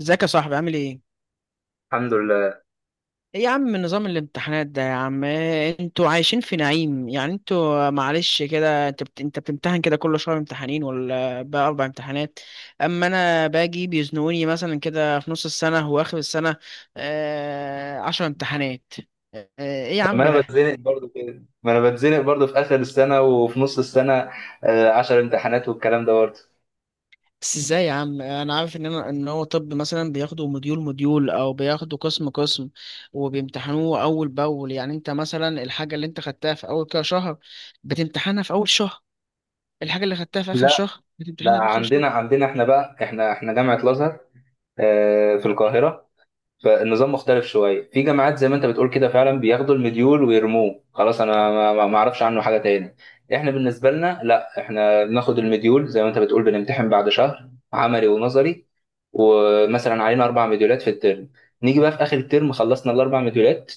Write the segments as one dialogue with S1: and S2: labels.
S1: ازيك يا صاحبي؟ عامل ايه؟
S2: الحمد لله.
S1: ايه يا عم نظام الامتحانات ده يا عم؟ إيه انتوا عايشين في نعيم؟ يعني انتوا معلش كده، انت بتمتحن كده كل شهر امتحانين ولا بقى اربع امتحانات؟ اما انا باجي بيزنقوني مثلا كده في نص السنة واخر السنة. عشر امتحانات. ايه يا
S2: طب ما
S1: عم
S2: انا
S1: ده؟
S2: بتزنق برضو كده، ما انا بتزنق برضو في اخر السنه وفي نص السنه. عشر امتحانات والكلام ده برضو.
S1: بس ازاي يا عم؟ انا عارف ان هو طب، مثلا بياخدوا مديول مديول او بياخدوا قسم قسم، وبيمتحنوه اول باول. يعني انت مثلا الحاجه اللي انت خدتها في اول كده شهر بتمتحنها في اول شهر، الحاجه اللي خدتها في اخر
S2: لا
S1: شهر
S2: لا،
S1: بتمتحنها في اخر شهر.
S2: عندنا عندنا احنا بقى احنا احنا جامعه الازهر في القاهره. فالنظام مختلف شويه، في جامعات زي ما انت بتقول كده فعلا بياخدوا المديول ويرموه خلاص. انا ما اعرفش عنه حاجه تاني. احنا بالنسبه لنا لا، احنا بناخد المديول زي ما انت بتقول، بنمتحن بعد شهر عملي ونظري، ومثلا علينا اربع مديولات في الترم. نيجي بقى في اخر الترم خلصنا الاربع مديولات،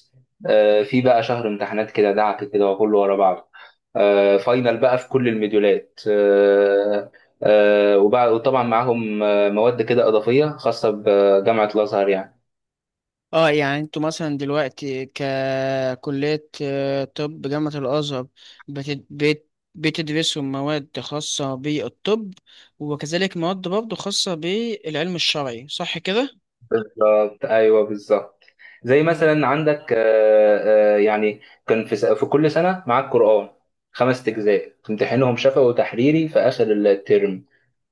S2: في بقى شهر امتحانات كده دعك كده وكله ورا بعضه. فاينل بقى في كل المديولات. وبعد وطبعا معاهم مواد كده اضافيه خاصه بجامعه الازهر يعني.
S1: اه، يعني انتوا مثلا دلوقتي ككليه، طب جامعه الازهر، بت- بت- بتدرسوا مواد خاصه بالطب، وكذلك مواد برضه خاصه بالعلم الشرعي، صح كده؟
S2: بالظبط، ايوه بالظبط. زي
S1: طب،
S2: مثلا عندك يعني كان في كل سنه معاك قران، خمس اجزاء تمتحنهم شفوي وتحريري في اخر الترم.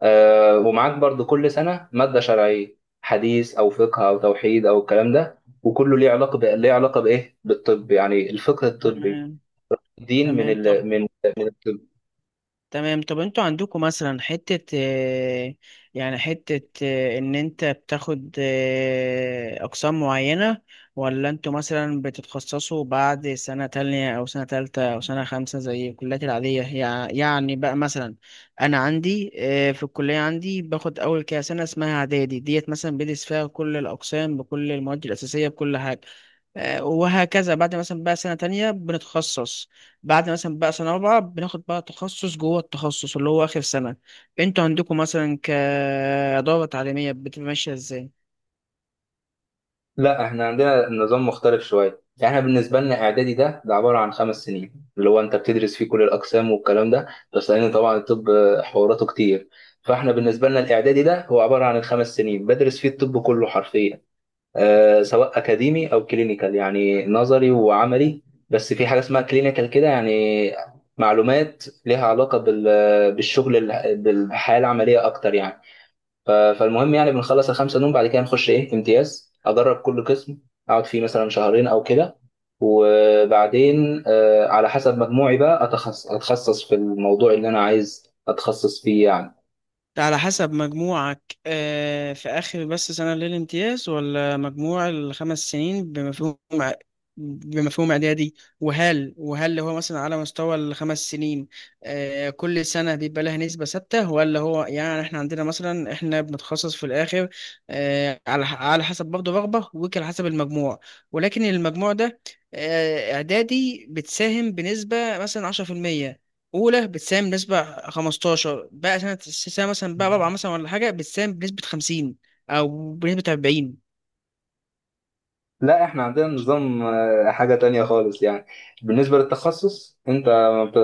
S2: ومعاك برضو كل سنه ماده شرعيه، حديث او فقه او توحيد او الكلام ده، وكله ليه علاقه بايه؟ بالطب يعني، الفقه الطبي.
S1: تمام.
S2: دين
S1: تمام طب.
S2: من...
S1: تمام طب، انتوا عندكم مثلا حتة، يعني حتة، ان انت بتاخد اقسام معينة، ولا انتوا مثلا بتتخصصوا بعد سنة تانية او سنة تالتة او سنة خمسة زي الكليات العادية؟ يعني بقى مثلا انا عندي، في الكلية عندي باخد اول كده سنة اسمها اعدادي ديت، مثلا بدرس فيها كل الاقسام بكل المواد الاساسية بكل حاجة. وهكذا، بعد مثلا بقى سنة تانية بنتخصص، بعد مثلا بقى سنة رابعة بناخد بقى تخصص جوه التخصص اللي هو آخر سنة. انتوا عندكم مثلا كإدارة تعليمية بتبقى ماشية ازاي؟
S2: لا احنا عندنا نظام مختلف شويه يعني. احنا بالنسبه لنا اعدادي ده عباره عن خمس سنين، اللي هو انت بتدرس فيه كل الاقسام والكلام ده، بس لان طبعا الطب حواراته كتير. فاحنا بالنسبه لنا الاعدادي ده هو عباره عن الخمس سنين بدرس فيه الطب كله حرفيا، آه، سواء اكاديمي او كلينيكال يعني نظري وعملي. بس في حاجه اسمها كلينيكال كده يعني، معلومات ليها بالشغل بالحياه العمليه اكتر يعني. فالمهم يعني بنخلص الخمسة دول، بعد كده نخش إيه؟ امتياز. أدرب كل قسم، أقعد فيه مثلا شهرين أو كده، وبعدين على حسب مجموعي بقى أتخصص في الموضوع اللي أنا عايز أتخصص فيه يعني.
S1: ده على حسب مجموعك في آخر بس سنة للامتياز، ولا مجموع الخمس سنين بمفهوم بمفهوم إعدادي؟ وهل هو مثلا على مستوى الخمس سنين كل سنة بيبقى لها نسبة ثابتة؟ ولا هو يعني إحنا عندنا مثلا، إحنا بنتخصص في الآخر على على حسب برضه رغبة وعلى حسب المجموع، ولكن المجموع ده إعدادي بتساهم بنسبة مثلا عشرة في المية، اولى بتساهم بنسبه 15، بقى سنه مثلا بقى رابعه مثلا ولا حاجه بتساهم بنسبه 50 او بنسبه 40؟
S2: لا احنا عندنا نظام حاجة تانية خالص يعني. بالنسبة للتخصص انت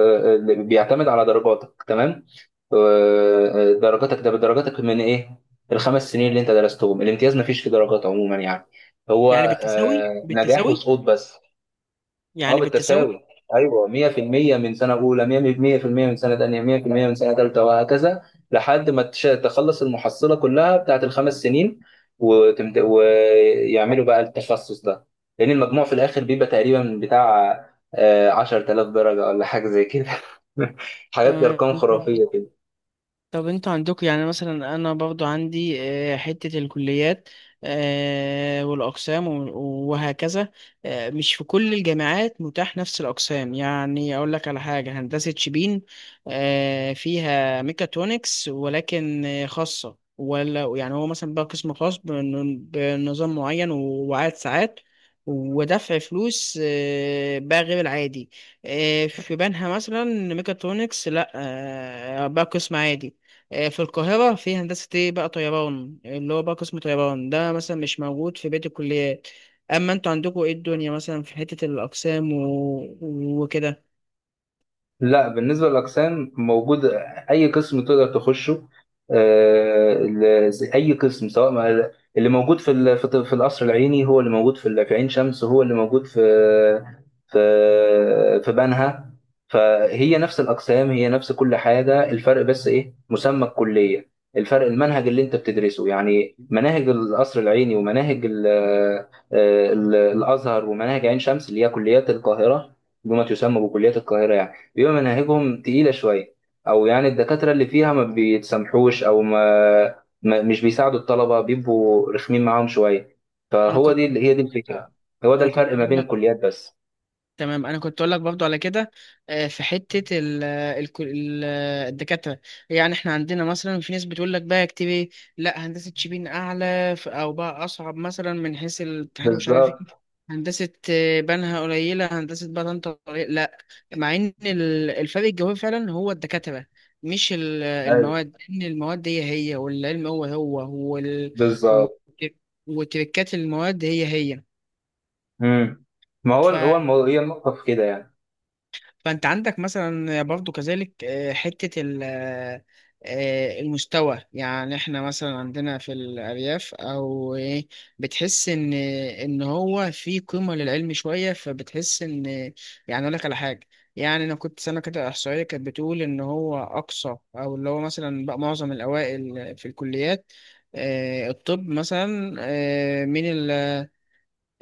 S2: اللي بيعتمد على درجاتك، تمام؟ آه، درجاتك ده بدرجاتك من ايه؟ الخمس سنين اللي انت درستهم. الامتياز مفيش فيه درجات عموما يعني، هو
S1: يعني بالتساوي
S2: نجاح
S1: بالتساوي
S2: وسقوط بس. اه
S1: يعني بالتساوي.
S2: بالتساوي، ايوه. 100% من سنه اولى، 100% من سنه ثانيه، 100% من سنه ثالثه وهكذا، لحد ما تخلص المحصله كلها بتاعت الخمس سنين، ويعملوا بقى التخصص ده. لان المجموع في الاخر بيبقى تقريبا بتاع 10,000 درجه ولا حاجه زي كده. حاجات
S1: آه،
S2: ارقام خرافيه.
S1: طب انتوا عندكم يعني مثلا؟ انا برضو عندي حتة الكليات والاقسام، وهكذا. مش في كل الجامعات متاح نفس الاقسام، يعني اقول لك على حاجة، هندسة شبين فيها ميكاترونكس ولكن خاصة، ولا يعني هو مثلا بقى قسم خاص بنظام معين وعدد ساعات ودفع فلوس بقى غير العادي. في بنها مثلا ميكاترونكس لا، بقى قسم عادي. في القاهرة في هندسة ايه بقى طيران، اللي هو بقى قسم طيران ده مثلا مش موجود في بقية الكليات. أما انتوا عندكوا ايه الدنيا مثلا في حتة الأقسام، وكده؟
S2: لا، بالنسبة للأقسام موجود، أي قسم تقدر تخشه. أي قسم، سواء ما اللي موجود في في القصر العيني هو اللي موجود في عين شمس، هو اللي موجود في في بنها. فهي نفس الأقسام، هي نفس كل حاجة. الفرق بس إيه؟ مسمى الكلية، الفرق المنهج اللي أنت بتدرسه. يعني مناهج القصر العيني، ومناهج الأزهر، ومناهج عين شمس اللي هي كليات القاهرة، بما تسمى بكليات القاهرة، بيبقى مناهجهم تقيلة شوية، أو يعني الدكاترة اللي فيها ما بيتسامحوش أو ما مش بيساعدوا الطلبة، بيبقوا رخمين معاهم شوية.
S1: انا
S2: فهو
S1: كنت
S2: دي الفكرة، هو
S1: ما
S2: ده
S1: انا كنت
S2: الفرق ما
S1: بقول
S2: بين
S1: لك،
S2: الكليات بس.
S1: تمام انا كنت اقول لك برضو على كده، في حته ال الدكاتره. يعني احنا عندنا مثلا في ناس بتقول لك بقى اكتب ايه؟ لا، هندسه شبين اعلى، او بقى اصعب مثلا من حيث الاتحاد ومش عارف ايه،
S2: بالظبط،
S1: هندسه بنها قليله، هندسه بقى طنطا قليلة. لا، مع ان الفرق الجوهري فعلا هو الدكاتره، مش
S2: أيوه
S1: المواد. ان المواد هي هي، والعلم هو هو،
S2: بالظبط.
S1: والتركات، المواد هي هي.
S2: مم. ما هو هو الموضوع، هي النقطة في كده يعني.
S1: فانت عندك مثلا برضو كذلك حتة المستوى. يعني احنا مثلا عندنا في الأرياف او إيه، بتحس ان هو في قيمة للعلم شوية، فبتحس ان، يعني اقول لك على حاجة، يعني انا كنت سنة كده احصائية كانت بتقول ان هو اقصى، او اللي هو مثلا بقى معظم الاوائل في الكليات الطب مثلا، من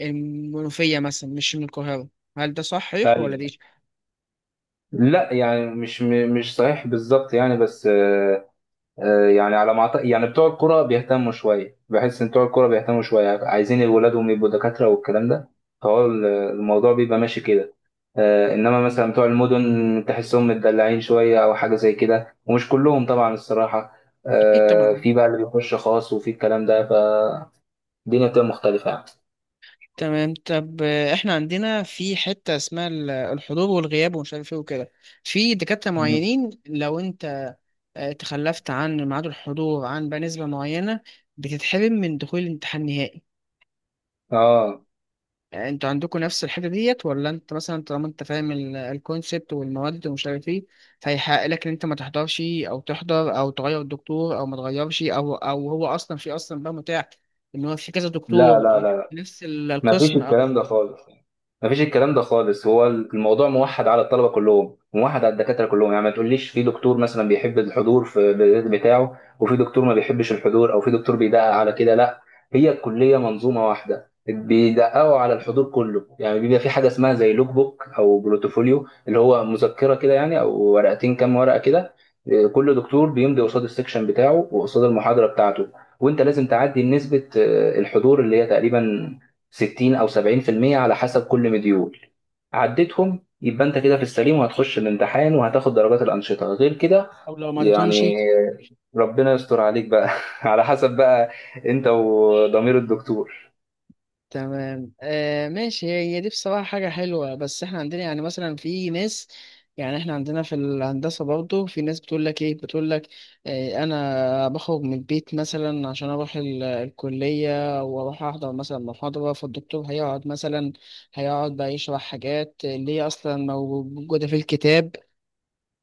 S1: المنوفية مثلا، مش من القاهرة. هل ده صحيح ولا
S2: أيوه.
S1: دي؟
S2: لا يعني مش صحيح بالظبط يعني، بس يعني على ما أعتقد يعني بتوع الكرة بيهتموا شوية. بحس إن بتوع الكرة بيهتموا شوية، عايزين ولادهم يبقوا دكاترة والكلام ده، فهو الموضوع بيبقى ماشي كده. إنما مثلا بتوع المدن تحسهم متدلعين شوية أو حاجة زي كده، ومش كلهم طبعا الصراحة.
S1: أكيد طبعا.
S2: في بقى اللي بيخش خاص وفي الكلام ده، فالدنيا بتبقى مختلفة يعني.
S1: تمام طب، احنا عندنا في حتة اسمها الحضور والغياب ومش عارف ايه وكده. في دكاترة
S2: مم.
S1: معينين لو انت تخلفت عن ميعاد الحضور عن بقى نسبة معينة، بتتحرم من دخول الامتحان النهائي.
S2: آه.
S1: انتوا عندكم نفس الحتة ديت؟ ولا انت مثلا طالما انت فاهم الكونسبت والمواد ومش عارف ايه، فيحق لك ان انت ما تحضرش او تحضر او تغير الدكتور او ما تغيرش، او هو اصلا في اصلا بقى متاح ان هو في كذا
S2: لا
S1: دكتور
S2: لا لا،
S1: نفس
S2: ما فيش
S1: القسم؟ او
S2: الكلام ده خالص يعني. ما فيش الكلام ده خالص، هو الموضوع موحد على الطلبه كلهم، موحد على الدكاتره كلهم. يعني ما تقوليش في دكتور مثلا بيحب الحضور بتاعه وفي دكتور ما بيحبش الحضور، او في دكتور بيدقق على كده، لا. هي الكليه منظومه واحده، بيدققوا على الحضور كله يعني. بيبقى في حاجه اسمها زي لوك بوك او بروتوفوليو، اللي هو مذكره كده يعني، او ورقتين، كام ورقه كده. إيه، كل دكتور بيمضي قصاد السكشن بتاعه وقصاد المحاضره بتاعته، وانت لازم تعدي نسبه الحضور، اللي هي تقريبا 60 او 70% على حسب كل مديول. عديتهم يبقى انت كده في السليم، وهتخش الامتحان وهتاخد درجات الانشطه. غير كده
S1: او لو ما عدتهمش؟
S2: يعني ربنا يستر عليك بقى. على حسب بقى انت وضمير الدكتور.
S1: تمام آه، ماشي، هي هي دي بصراحة حاجة حلوة. بس احنا عندنا يعني مثلا في ناس، يعني احنا عندنا في الهندسة برضه في ناس بتقول لك ايه، بتقول لك آه انا بخرج من البيت مثلا عشان اروح الكلية واروح احضر مثلا محاضرة، فالدكتور هيقعد مثلا، هيقعد بقى يشرح حاجات اللي هي اصلا موجودة في الكتاب.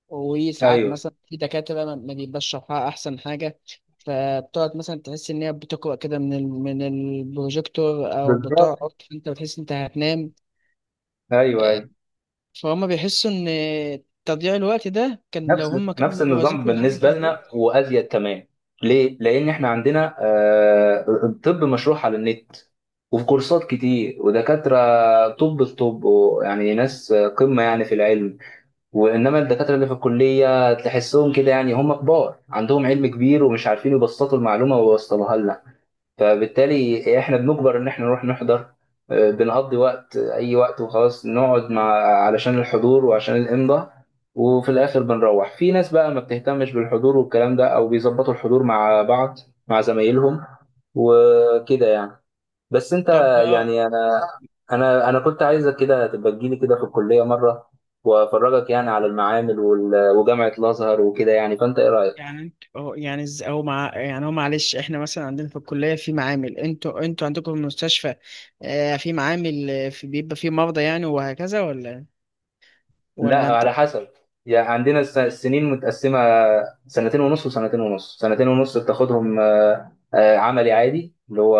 S1: وساعات
S2: ايوه
S1: مثلا في دكاترة ما بيبقاش شرحها أحسن حاجة، فبتقعد مثلا تحس إن هي بتقرأ كده من من البروجيكتور، أو
S2: بالظبط،
S1: بتقعد، فأنت بتحس إن أنت هتنام.
S2: ايوه
S1: آه،
S2: ايوه.
S1: فهم بيحسوا إن تضييع الوقت ده كان، لو
S2: نفس
S1: هم كانوا
S2: النظام
S1: ذاكروا الحاجة في
S2: بالنسبه لنا،
S1: البيت.
S2: وازيد كمان. ليه؟ لان احنا عندنا الطب مشروع على النت، وفي كورسات كتير ودكاتره طب في طب يعني ناس قمه يعني في العلم. وانما الدكاتره اللي في الكليه تحسهم كده يعني، هم كبار عندهم علم كبير، ومش عارفين يبسطوا المعلومه ويوصلوها لنا. فبالتالي احنا بنجبر ان احنا نروح نحضر، بنقضي وقت اي وقت وخلاص، نقعد مع... علشان الحضور وعشان الامضاء. وفي الاخر بنروح، في ناس بقى ما بتهتمش بالحضور والكلام ده، او بيظبطوا الحضور مع بعض مع زمايلهم وكده يعني. بس انت
S1: طب
S2: يعني انا كنت عايزك كده تبقى تجيلي كده في الكليه مره، وافرجك يعني على المعامل وجامعه الازهر وكده يعني، فانت ايه رايك؟
S1: يعني انت، أو يعني أو مع، يعني هو معلش، إحنا مثلا عندنا في الكلية في معامل، أنتوا عندكم في المستشفى في معامل، في، بيبقى في مرضى يعني وهكذا، ولا
S2: لا
S1: ولا أنت؟
S2: على حسب يعني. عندنا السنين متقسمه، سنتين ونص وسنتين ونص. سنتين ونص بتاخدهم عملي عادي اللي هو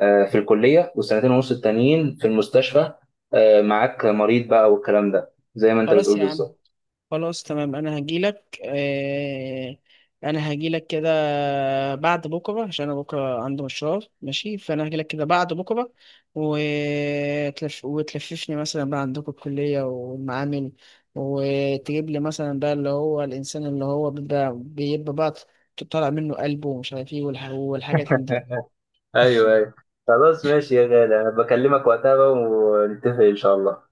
S2: في الكليه، والسنتين ونص التانيين في المستشفى، معاك مريض بقى والكلام ده زي ما انت
S1: خلاص
S2: بتقول
S1: يا عم،
S2: بالظبط.
S1: خلاص تمام، انا هجيلك آه، انا هجيلك كده بعد بكره، عشان انا بكره عندي مشوار ماشي، فانا هجيلك كده بعد بكره، وتلففني مثلا بقى عندكم الكليه والمعامل، وتجيب لي مثلا بقى اللي هو الانسان اللي هو بيبقى بقى طالع منه قلبه ومش عارف ايه والحاجات من دي.
S2: ايوه ايوه. خلاص ماشي يا غالي، انا بكلمك وقتها بقى ونتفق ان شاء الله.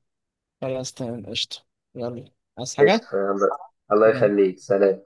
S1: خلاص تمام قشطه، يلا، عايز حاجه؟
S2: قشطة يلا، الله يخليك، سلام.